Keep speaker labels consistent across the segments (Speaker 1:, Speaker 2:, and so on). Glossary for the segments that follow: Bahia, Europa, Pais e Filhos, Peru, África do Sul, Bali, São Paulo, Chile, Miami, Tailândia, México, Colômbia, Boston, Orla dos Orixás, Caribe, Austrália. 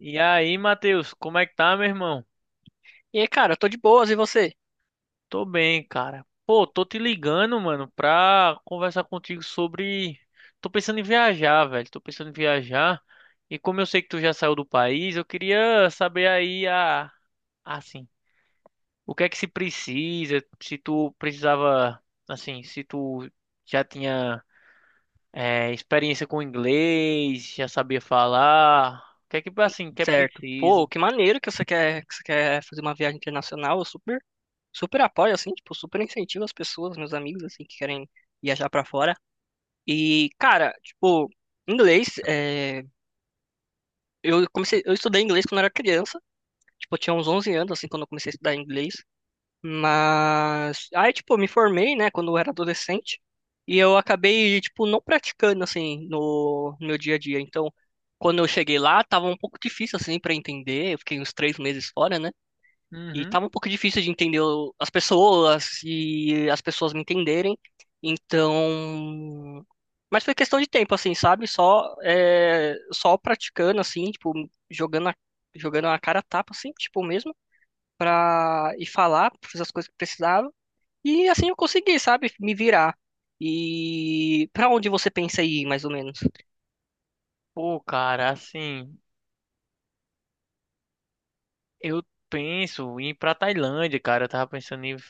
Speaker 1: E aí, Matheus, como é que tá, meu irmão?
Speaker 2: E aí, cara, tô de boas, e você?
Speaker 1: Tô bem, cara. Pô, tô te ligando, mano, pra conversar contigo sobre. Tô pensando em viajar, velho. Tô pensando em viajar. E como eu sei que tu já saiu do país, eu queria saber aí a. Assim, o que é que se precisa? Se tu precisava. Assim, se tu já tinha experiência com inglês, já sabia falar. O que é que, assim, que é
Speaker 2: Certo. Pô,
Speaker 1: precisa?
Speaker 2: que maneiro que você quer fazer uma viagem internacional. Eu super, super apoio, assim, tipo, super incentivo as pessoas, meus amigos, assim, que querem viajar pra fora. E, cara, tipo, inglês, eu estudei inglês quando eu era criança. Tipo, eu tinha uns 11 anos, assim, quando eu comecei a estudar inglês. Mas aí, tipo, eu me formei, né, quando eu era adolescente, e eu acabei, tipo, não praticando assim no meu dia a dia. Então, quando eu cheguei lá, tava um pouco difícil assim para entender. Eu fiquei uns 3 meses fora, né? E
Speaker 1: Uhum.
Speaker 2: tava um pouco difícil de entender as pessoas e as pessoas me entenderem. Então, mas foi questão de tempo, assim, sabe? Só praticando, assim, tipo, jogando a, jogando a cara a tapa, assim, tipo mesmo, pra ir falar, fazer as coisas que precisava. E assim eu consegui, sabe, me virar. E pra onde você pensa em ir, mais ou menos?
Speaker 1: Pô, cara, assim. Eu penso em ir pra Tailândia, cara. Eu tava pensando em ir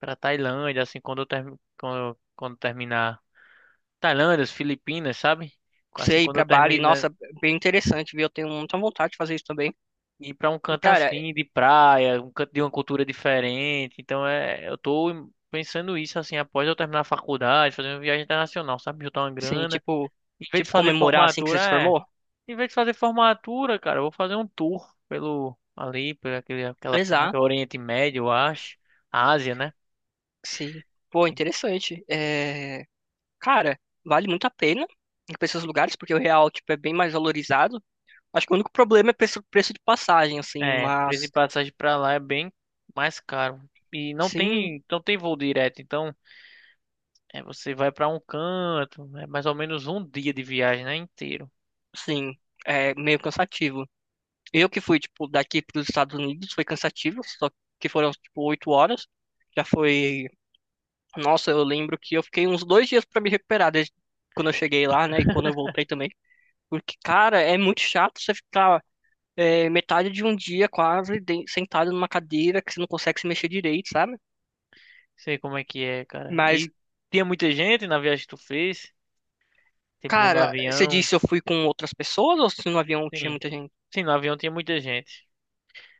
Speaker 1: pra Tailândia, assim, quando eu, termi... quando, eu- quando terminar. Tailândia, as Filipinas, sabe? Assim,
Speaker 2: Você ir
Speaker 1: quando eu
Speaker 2: pra Bali,
Speaker 1: terminar,
Speaker 2: nossa, bem interessante, viu? Eu tenho muita vontade de fazer isso também.
Speaker 1: ir pra um
Speaker 2: E
Speaker 1: canto
Speaker 2: cara,
Speaker 1: assim, de praia, um canto de uma cultura diferente. Então, é... eu tô pensando isso, assim, após eu terminar a faculdade, fazer uma viagem internacional, sabe? Juntar uma
Speaker 2: assim,
Speaker 1: grana.
Speaker 2: tipo,
Speaker 1: Em vez de
Speaker 2: tipo
Speaker 1: fazer
Speaker 2: comemorar assim que você
Speaker 1: formatura,
Speaker 2: se
Speaker 1: é.
Speaker 2: formou?
Speaker 1: Em vez de fazer formatura, cara, eu vou fazer um tour pelo. Ali, por aquela parte,
Speaker 2: Exato,
Speaker 1: Oriente Médio, eu acho. Ásia, né?
Speaker 2: sim. Pô, interessante. Cara, vale muito a pena ir pra esses lugares porque o real, tipo, é bem mais valorizado. Acho que o único problema é preço de passagem, assim,
Speaker 1: É, preço de
Speaker 2: mas
Speaker 1: passagem pra lá é bem mais caro. E não
Speaker 2: sim,
Speaker 1: tem, não tem voo direto, então você vai pra um canto, é mais ou menos um dia de viagem, né, inteiro.
Speaker 2: sim, é meio cansativo. Eu que fui, tipo, daqui para os Estados Unidos, foi cansativo, só que foram, tipo, 8 horas. Já foi. Nossa, eu lembro que eu fiquei uns 2 dias para me recuperar, desde quando eu cheguei lá, né? E quando eu voltei também. Porque, cara, é muito chato você ficar metade de um dia quase sentado numa cadeira que você não consegue se mexer direito, sabe?
Speaker 1: Sei como é que é, cara.
Speaker 2: Mas,
Speaker 1: E tinha muita gente na viagem que tu fez, tipo né, no
Speaker 2: cara, você
Speaker 1: avião.
Speaker 2: disse eu fui com outras pessoas ou se no avião tinha
Speaker 1: Sim,
Speaker 2: muita gente?
Speaker 1: sim, no avião tinha muita gente.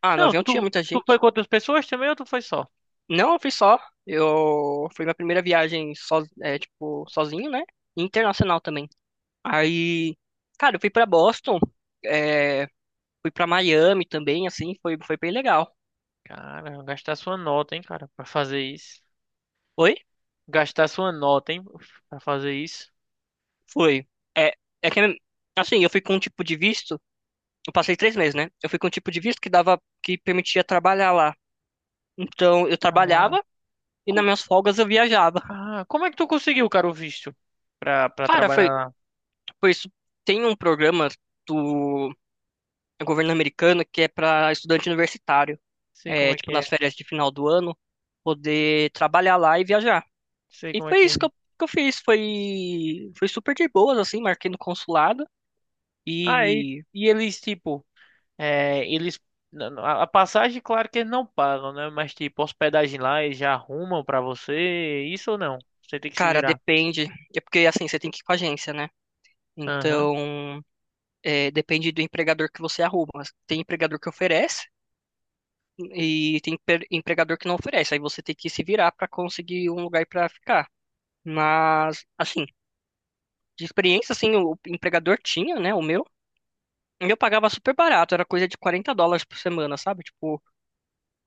Speaker 2: Ah, no
Speaker 1: Não,
Speaker 2: avião tinha
Speaker 1: tu,
Speaker 2: muita
Speaker 1: tu foi
Speaker 2: gente.
Speaker 1: com outras pessoas também ou tu foi só?
Speaker 2: Não, eu fui só. Eu foi minha primeira viagem tipo, sozinho, né? Internacional também. Aí, cara, eu fui pra Boston, é, fui pra Miami também, assim, foi bem legal.
Speaker 1: Cara, gastar sua nota, hein, cara, pra fazer isso.
Speaker 2: Foi?
Speaker 1: Gastar sua nota, hein, pra fazer isso.
Speaker 2: Foi. É, é que assim, eu fui com um tipo de visto, eu passei 3 meses, né? Eu fui com um tipo de visto que permitia trabalhar lá. Então, eu
Speaker 1: Ah,
Speaker 2: trabalhava e nas
Speaker 1: co-
Speaker 2: minhas folgas eu viajava.
Speaker 1: Ah, como é que tu conseguiu, cara, o visto pra
Speaker 2: Cara,
Speaker 1: trabalhar
Speaker 2: foi
Speaker 1: lá?
Speaker 2: por isso tem um programa do governo americano que é pra estudante universitário.
Speaker 1: Sei como
Speaker 2: é,
Speaker 1: é
Speaker 2: tipo,
Speaker 1: que
Speaker 2: nas
Speaker 1: é.
Speaker 2: férias de final do ano, poder trabalhar lá e viajar.
Speaker 1: Sei
Speaker 2: E
Speaker 1: como é
Speaker 2: foi
Speaker 1: que
Speaker 2: isso que
Speaker 1: é.
Speaker 2: eu, que eu fiz. Foi, foi super de boas, assim, marquei no consulado.
Speaker 1: Ah, e,
Speaker 2: E,
Speaker 1: e eles, tipo, eles. A passagem, claro que eles não pagam, né? Mas, tipo, hospedagem lá eles já arrumam pra você. Isso ou não? Você tem que se
Speaker 2: cara,
Speaker 1: virar.
Speaker 2: depende. É porque, assim, você tem que ir com a agência, né?
Speaker 1: Aham.
Speaker 2: Então, depende do empregador que você arruma. Tem empregador que oferece e tem empregador que não oferece. Aí você tem que se virar para conseguir um lugar para ficar. Mas, assim, de experiência, assim, o empregador tinha, né? O meu. E eu pagava super barato, era coisa de US$ 40 por semana, sabe? Tipo,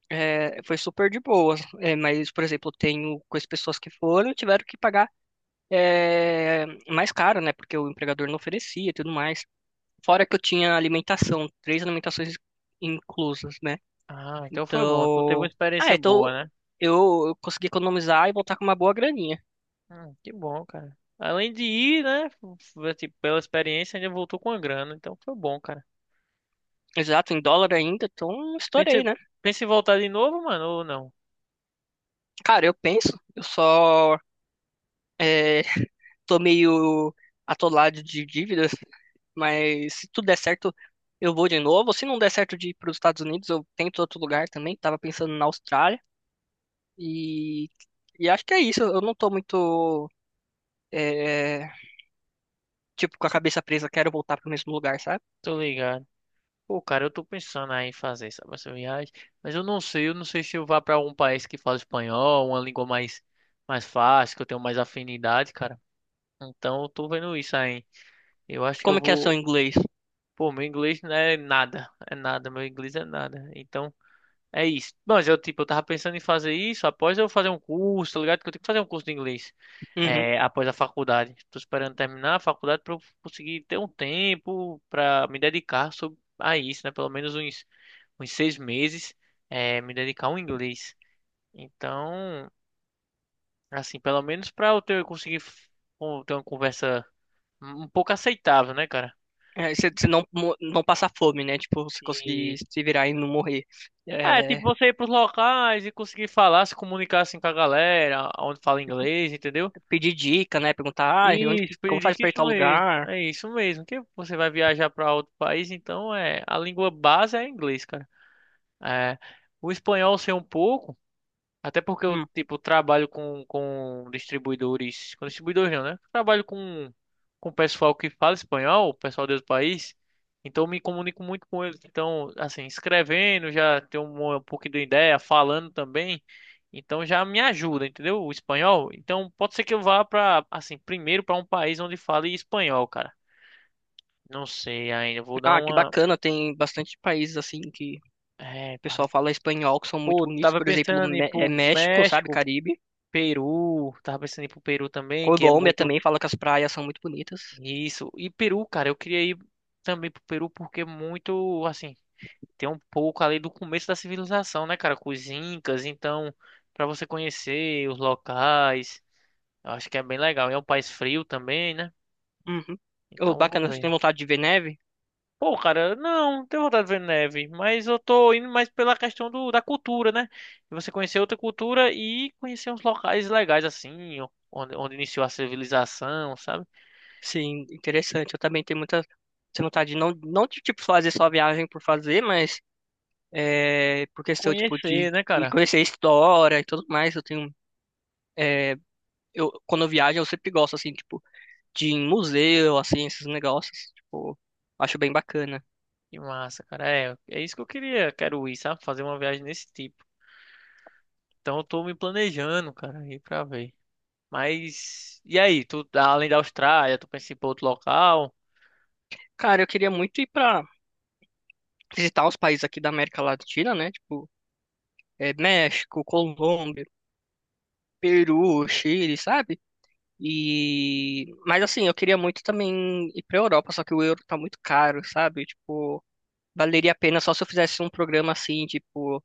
Speaker 2: foi super de boa. É, mas, por exemplo, tenho com as pessoas que foram, tiveram que pagar é, mais caro, né? Porque o empregador não oferecia e tudo mais. Fora que eu tinha alimentação, três alimentações inclusas, né?
Speaker 1: Ah, então foi bom. Tu teve uma
Speaker 2: Então, ah,
Speaker 1: experiência
Speaker 2: então
Speaker 1: boa, né?
Speaker 2: eu consegui economizar e voltar com uma boa graninha.
Speaker 1: Que bom, cara. Além de ir, né? Tipo, pela experiência, ainda voltou com a grana. Então foi bom, cara.
Speaker 2: Exato, em dólar ainda, então
Speaker 1: Pensa,
Speaker 2: estourei, né?
Speaker 1: pensa em voltar de novo, mano, ou não?
Speaker 2: Cara, eu penso, eu só é, tô meio atolado de dívidas. Mas se tudo der certo, eu vou de novo. Se não der certo de ir para os Estados Unidos, eu tento outro lugar também. Tava pensando na Austrália. E, e acho que é isso. Eu não tô muito, é, tipo, com a cabeça presa. Quero voltar para o mesmo lugar, sabe?
Speaker 1: Tô ligado. Pô, cara, eu tô pensando aí em fazer, sabe, essa viagem, mas eu não sei se eu vá pra algum país que fala espanhol, uma língua mais fácil, que eu tenho mais afinidade, cara. Então eu tô vendo isso aí. Eu acho que eu
Speaker 2: Como que é seu
Speaker 1: vou.
Speaker 2: inglês?
Speaker 1: Pô, meu inglês não é nada, é nada, meu inglês é nada. Então. É isso. Mas eu, tipo, eu tava pensando em fazer isso após eu fazer um curso, tá ligado? Que eu tenho que fazer um curso de inglês.
Speaker 2: Uhum.
Speaker 1: É, após a faculdade. Tô esperando terminar a faculdade pra eu conseguir ter um tempo pra me dedicar a isso, né? Pelo menos uns 6 meses, me dedicar ao inglês. Então, assim, pelo menos pra eu conseguir ter uma conversa um pouco aceitável, né, cara?
Speaker 2: É, você não, não passar fome, né? Tipo, você conseguir
Speaker 1: E.
Speaker 2: se virar e não morrer.
Speaker 1: É, tipo,
Speaker 2: É,
Speaker 1: você ir pros locais e conseguir falar, se comunicar assim com a galera, onde fala
Speaker 2: tipo,
Speaker 1: inglês, entendeu?
Speaker 2: pedir dica, né? Perguntar, ah, e
Speaker 1: Isso,
Speaker 2: como faz
Speaker 1: Piririca,
Speaker 2: pra ir
Speaker 1: isso
Speaker 2: tal
Speaker 1: mesmo.
Speaker 2: lugar?
Speaker 1: É isso mesmo. Que você vai viajar para outro país, então é a língua base é inglês, cara. É, o espanhol sei um pouco. Até porque eu,
Speaker 2: Hum,
Speaker 1: tipo, trabalho com distribuidores. Com distribuidores não, né? Trabalho com pessoal que fala espanhol, pessoal desse país. Então eu me comunico muito com eles. Então, assim, escrevendo, já tenho um pouquinho de ideia, falando também. Então já me ajuda, entendeu? O espanhol. Então pode ser que eu vá pra, assim, primeiro pra um país onde fale espanhol, cara. Não sei ainda. Eu vou dar
Speaker 2: Ah, que
Speaker 1: uma.
Speaker 2: bacana, tem bastante países assim que
Speaker 1: É,
Speaker 2: o
Speaker 1: para.
Speaker 2: pessoal fala espanhol que são muito
Speaker 1: Pô,
Speaker 2: bonitos,
Speaker 1: tava
Speaker 2: por exemplo,
Speaker 1: pensando em ir pro
Speaker 2: México, sabe,
Speaker 1: México,
Speaker 2: Caribe.
Speaker 1: Peru. Tava pensando em ir pro Peru também, que é
Speaker 2: Colômbia
Speaker 1: muito.
Speaker 2: também fala que as praias são muito bonitas.
Speaker 1: Isso. E Peru, cara, eu queria ir também pro Peru porque é muito, assim, tem um pouco ali do começo da civilização, né, cara, com os incas, então, para você conhecer os locais, eu acho que é bem legal. E é um país frio também, né?
Speaker 2: Uhum. Oh,
Speaker 1: Então, eu vou
Speaker 2: bacana, você tem
Speaker 1: ver.
Speaker 2: vontade de ver neve?
Speaker 1: Pô, cara, não tenho vontade de ver neve, mas eu tô indo mais pela questão da cultura, né? De você conhecer outra cultura e conhecer uns locais legais assim, onde iniciou a civilização, sabe?
Speaker 2: Sim, interessante. Eu também tenho muita tenho vontade de não, de tipo fazer só viagem por fazer, mas por questão tipo de
Speaker 1: Conhecer, né,
Speaker 2: e
Speaker 1: cara?
Speaker 2: conhecer a história e tudo mais. Eu quando eu viajo eu sempre gosto assim, tipo de ir em museu, assim, esses negócios. Tipo, acho bem bacana.
Speaker 1: Que massa, cara. É, é isso que eu queria. Quero ir, sabe? Fazer uma viagem desse tipo. Então eu tô me planejando, cara, ir pra ver. Mas, e aí? Tu, além da Austrália, tu pensa em ir pra outro local?
Speaker 2: Cara, eu queria muito ir pra visitar os países aqui da América Latina, né? Tipo, México, Colômbia, Peru, Chile, sabe? Mas assim, eu queria muito também ir pra Europa, só que o euro tá muito caro, sabe? Tipo, valeria a pena só se eu fizesse um programa assim, tipo,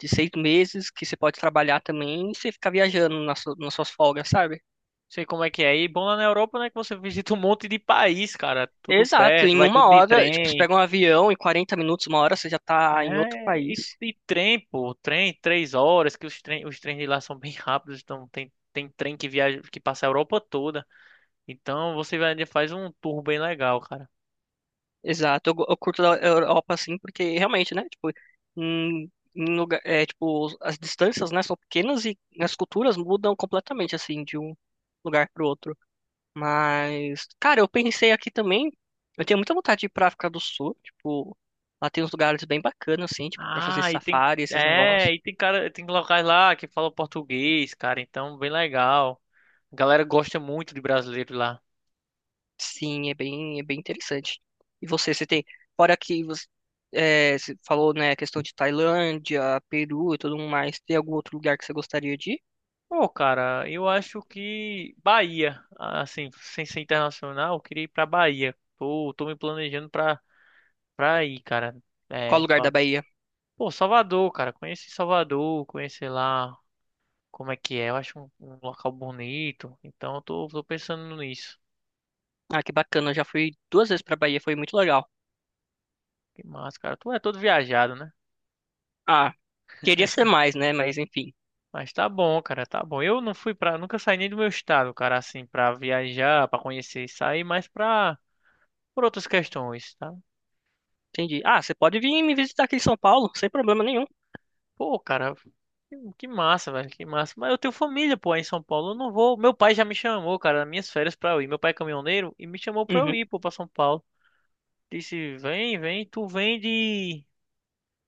Speaker 2: de 6 meses, que você pode trabalhar também e você ficar viajando nas suas folgas, sabe?
Speaker 1: Não sei como é que é aí. Bom lá na Europa, né? Que você visita um monte de país, cara. Tudo
Speaker 2: Exato,
Speaker 1: perto,
Speaker 2: em
Speaker 1: vai tudo
Speaker 2: uma
Speaker 1: de
Speaker 2: hora, tipo, você
Speaker 1: trem.
Speaker 2: pega um avião, em 40 minutos, 1 hora, você já tá em outro
Speaker 1: É, e,
Speaker 2: país.
Speaker 1: e trem, pô. Trem, 3 horas, que os trens de lá são bem rápidos. Então tem trem que viaja, que passa a Europa toda. Então você vai, faz um tour bem legal, cara.
Speaker 2: Exato, eu curto a Europa assim, porque realmente, né, tipo, em lugar, tipo, as distâncias, né, são pequenas e as culturas mudam completamente, assim, de um lugar pro outro. Mas, cara, eu pensei aqui também, eu tenho muita vontade de ir pra África do Sul, tipo, lá tem uns lugares bem bacanas, assim, tipo, pra fazer
Speaker 1: Ah, e tem.
Speaker 2: safari, esses negócios.
Speaker 1: É, e tem cara, tem locais lá que falam português, cara. Então, bem legal. A galera gosta muito de brasileiro lá.
Speaker 2: Sim, é bem interessante. E você, fora que você, você falou, né, a questão de Tailândia, Peru e tudo mais, tem algum outro lugar que você gostaria de ir?
Speaker 1: Pô, cara, eu acho que Bahia, assim, sem ser internacional, eu queria ir pra Bahia. Tô me planejando pra, ir, cara.
Speaker 2: Qual
Speaker 1: É,
Speaker 2: lugar da Bahia?
Speaker 1: pô, Salvador, cara. Conheci Salvador, conhecer lá como é que é. Eu acho um local bonito. Então, eu tô pensando nisso.
Speaker 2: Ah, que bacana, eu já fui 2 vezes pra Bahia, foi muito legal.
Speaker 1: Que massa, cara. Tu é todo viajado, né?
Speaker 2: Ah, queria ser mais, né, mas enfim,
Speaker 1: Mas tá bom, cara, tá bom. Eu não fui pra. Nunca saí nem do meu estado, cara, assim, pra viajar, pra conhecer e sair, mas pra. Por outras questões, tá?
Speaker 2: entendi. Ah, você pode vir me visitar aqui em São Paulo, sem problema nenhum.
Speaker 1: Pô, cara, que massa, velho, que massa. Mas eu tenho família, pô, aí em São Paulo. Eu não vou. Meu pai já me chamou, cara, nas minhas férias pra eu ir. Meu pai é caminhoneiro e me chamou pra eu
Speaker 2: Uhum.
Speaker 1: ir, pô, pra São Paulo. Disse: vem, vem, tu vem de.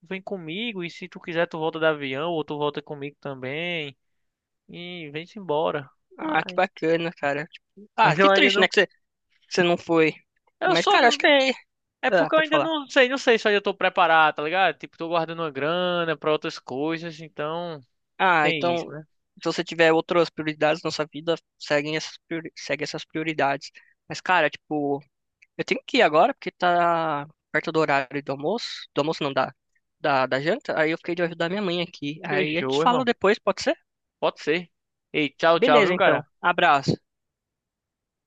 Speaker 1: Vem comigo e se tu quiser, tu volta de avião ou tu volta comigo também. E vem-se embora.
Speaker 2: Ah, que
Speaker 1: Ai,
Speaker 2: bacana, cara. Tipo, ah,
Speaker 1: mas
Speaker 2: que
Speaker 1: eu ainda
Speaker 2: triste, né,
Speaker 1: não.
Speaker 2: que você não foi.
Speaker 1: Eu
Speaker 2: Mas,
Speaker 1: sou
Speaker 2: cara, acho que
Speaker 1: É
Speaker 2: ah,
Speaker 1: porque eu
Speaker 2: pode
Speaker 1: ainda
Speaker 2: falar.
Speaker 1: não sei, se eu ainda tô preparado, tá ligado? Tipo, tô guardando uma grana pra outras coisas, então
Speaker 2: Ah,
Speaker 1: tem
Speaker 2: então,
Speaker 1: isso, né?
Speaker 2: se você tiver outras prioridades na sua vida, segue essas prioridades. Mas, cara, tipo, eu tenho que ir agora porque tá perto do horário do almoço. Do almoço não dá. Da janta. Aí eu fiquei de ajudar minha mãe aqui. Aí a gente
Speaker 1: Fechou,
Speaker 2: fala
Speaker 1: irmão.
Speaker 2: depois, pode ser?
Speaker 1: Pode ser. Ei, tchau, tchau,
Speaker 2: Beleza,
Speaker 1: viu, cara?
Speaker 2: então. Abraço.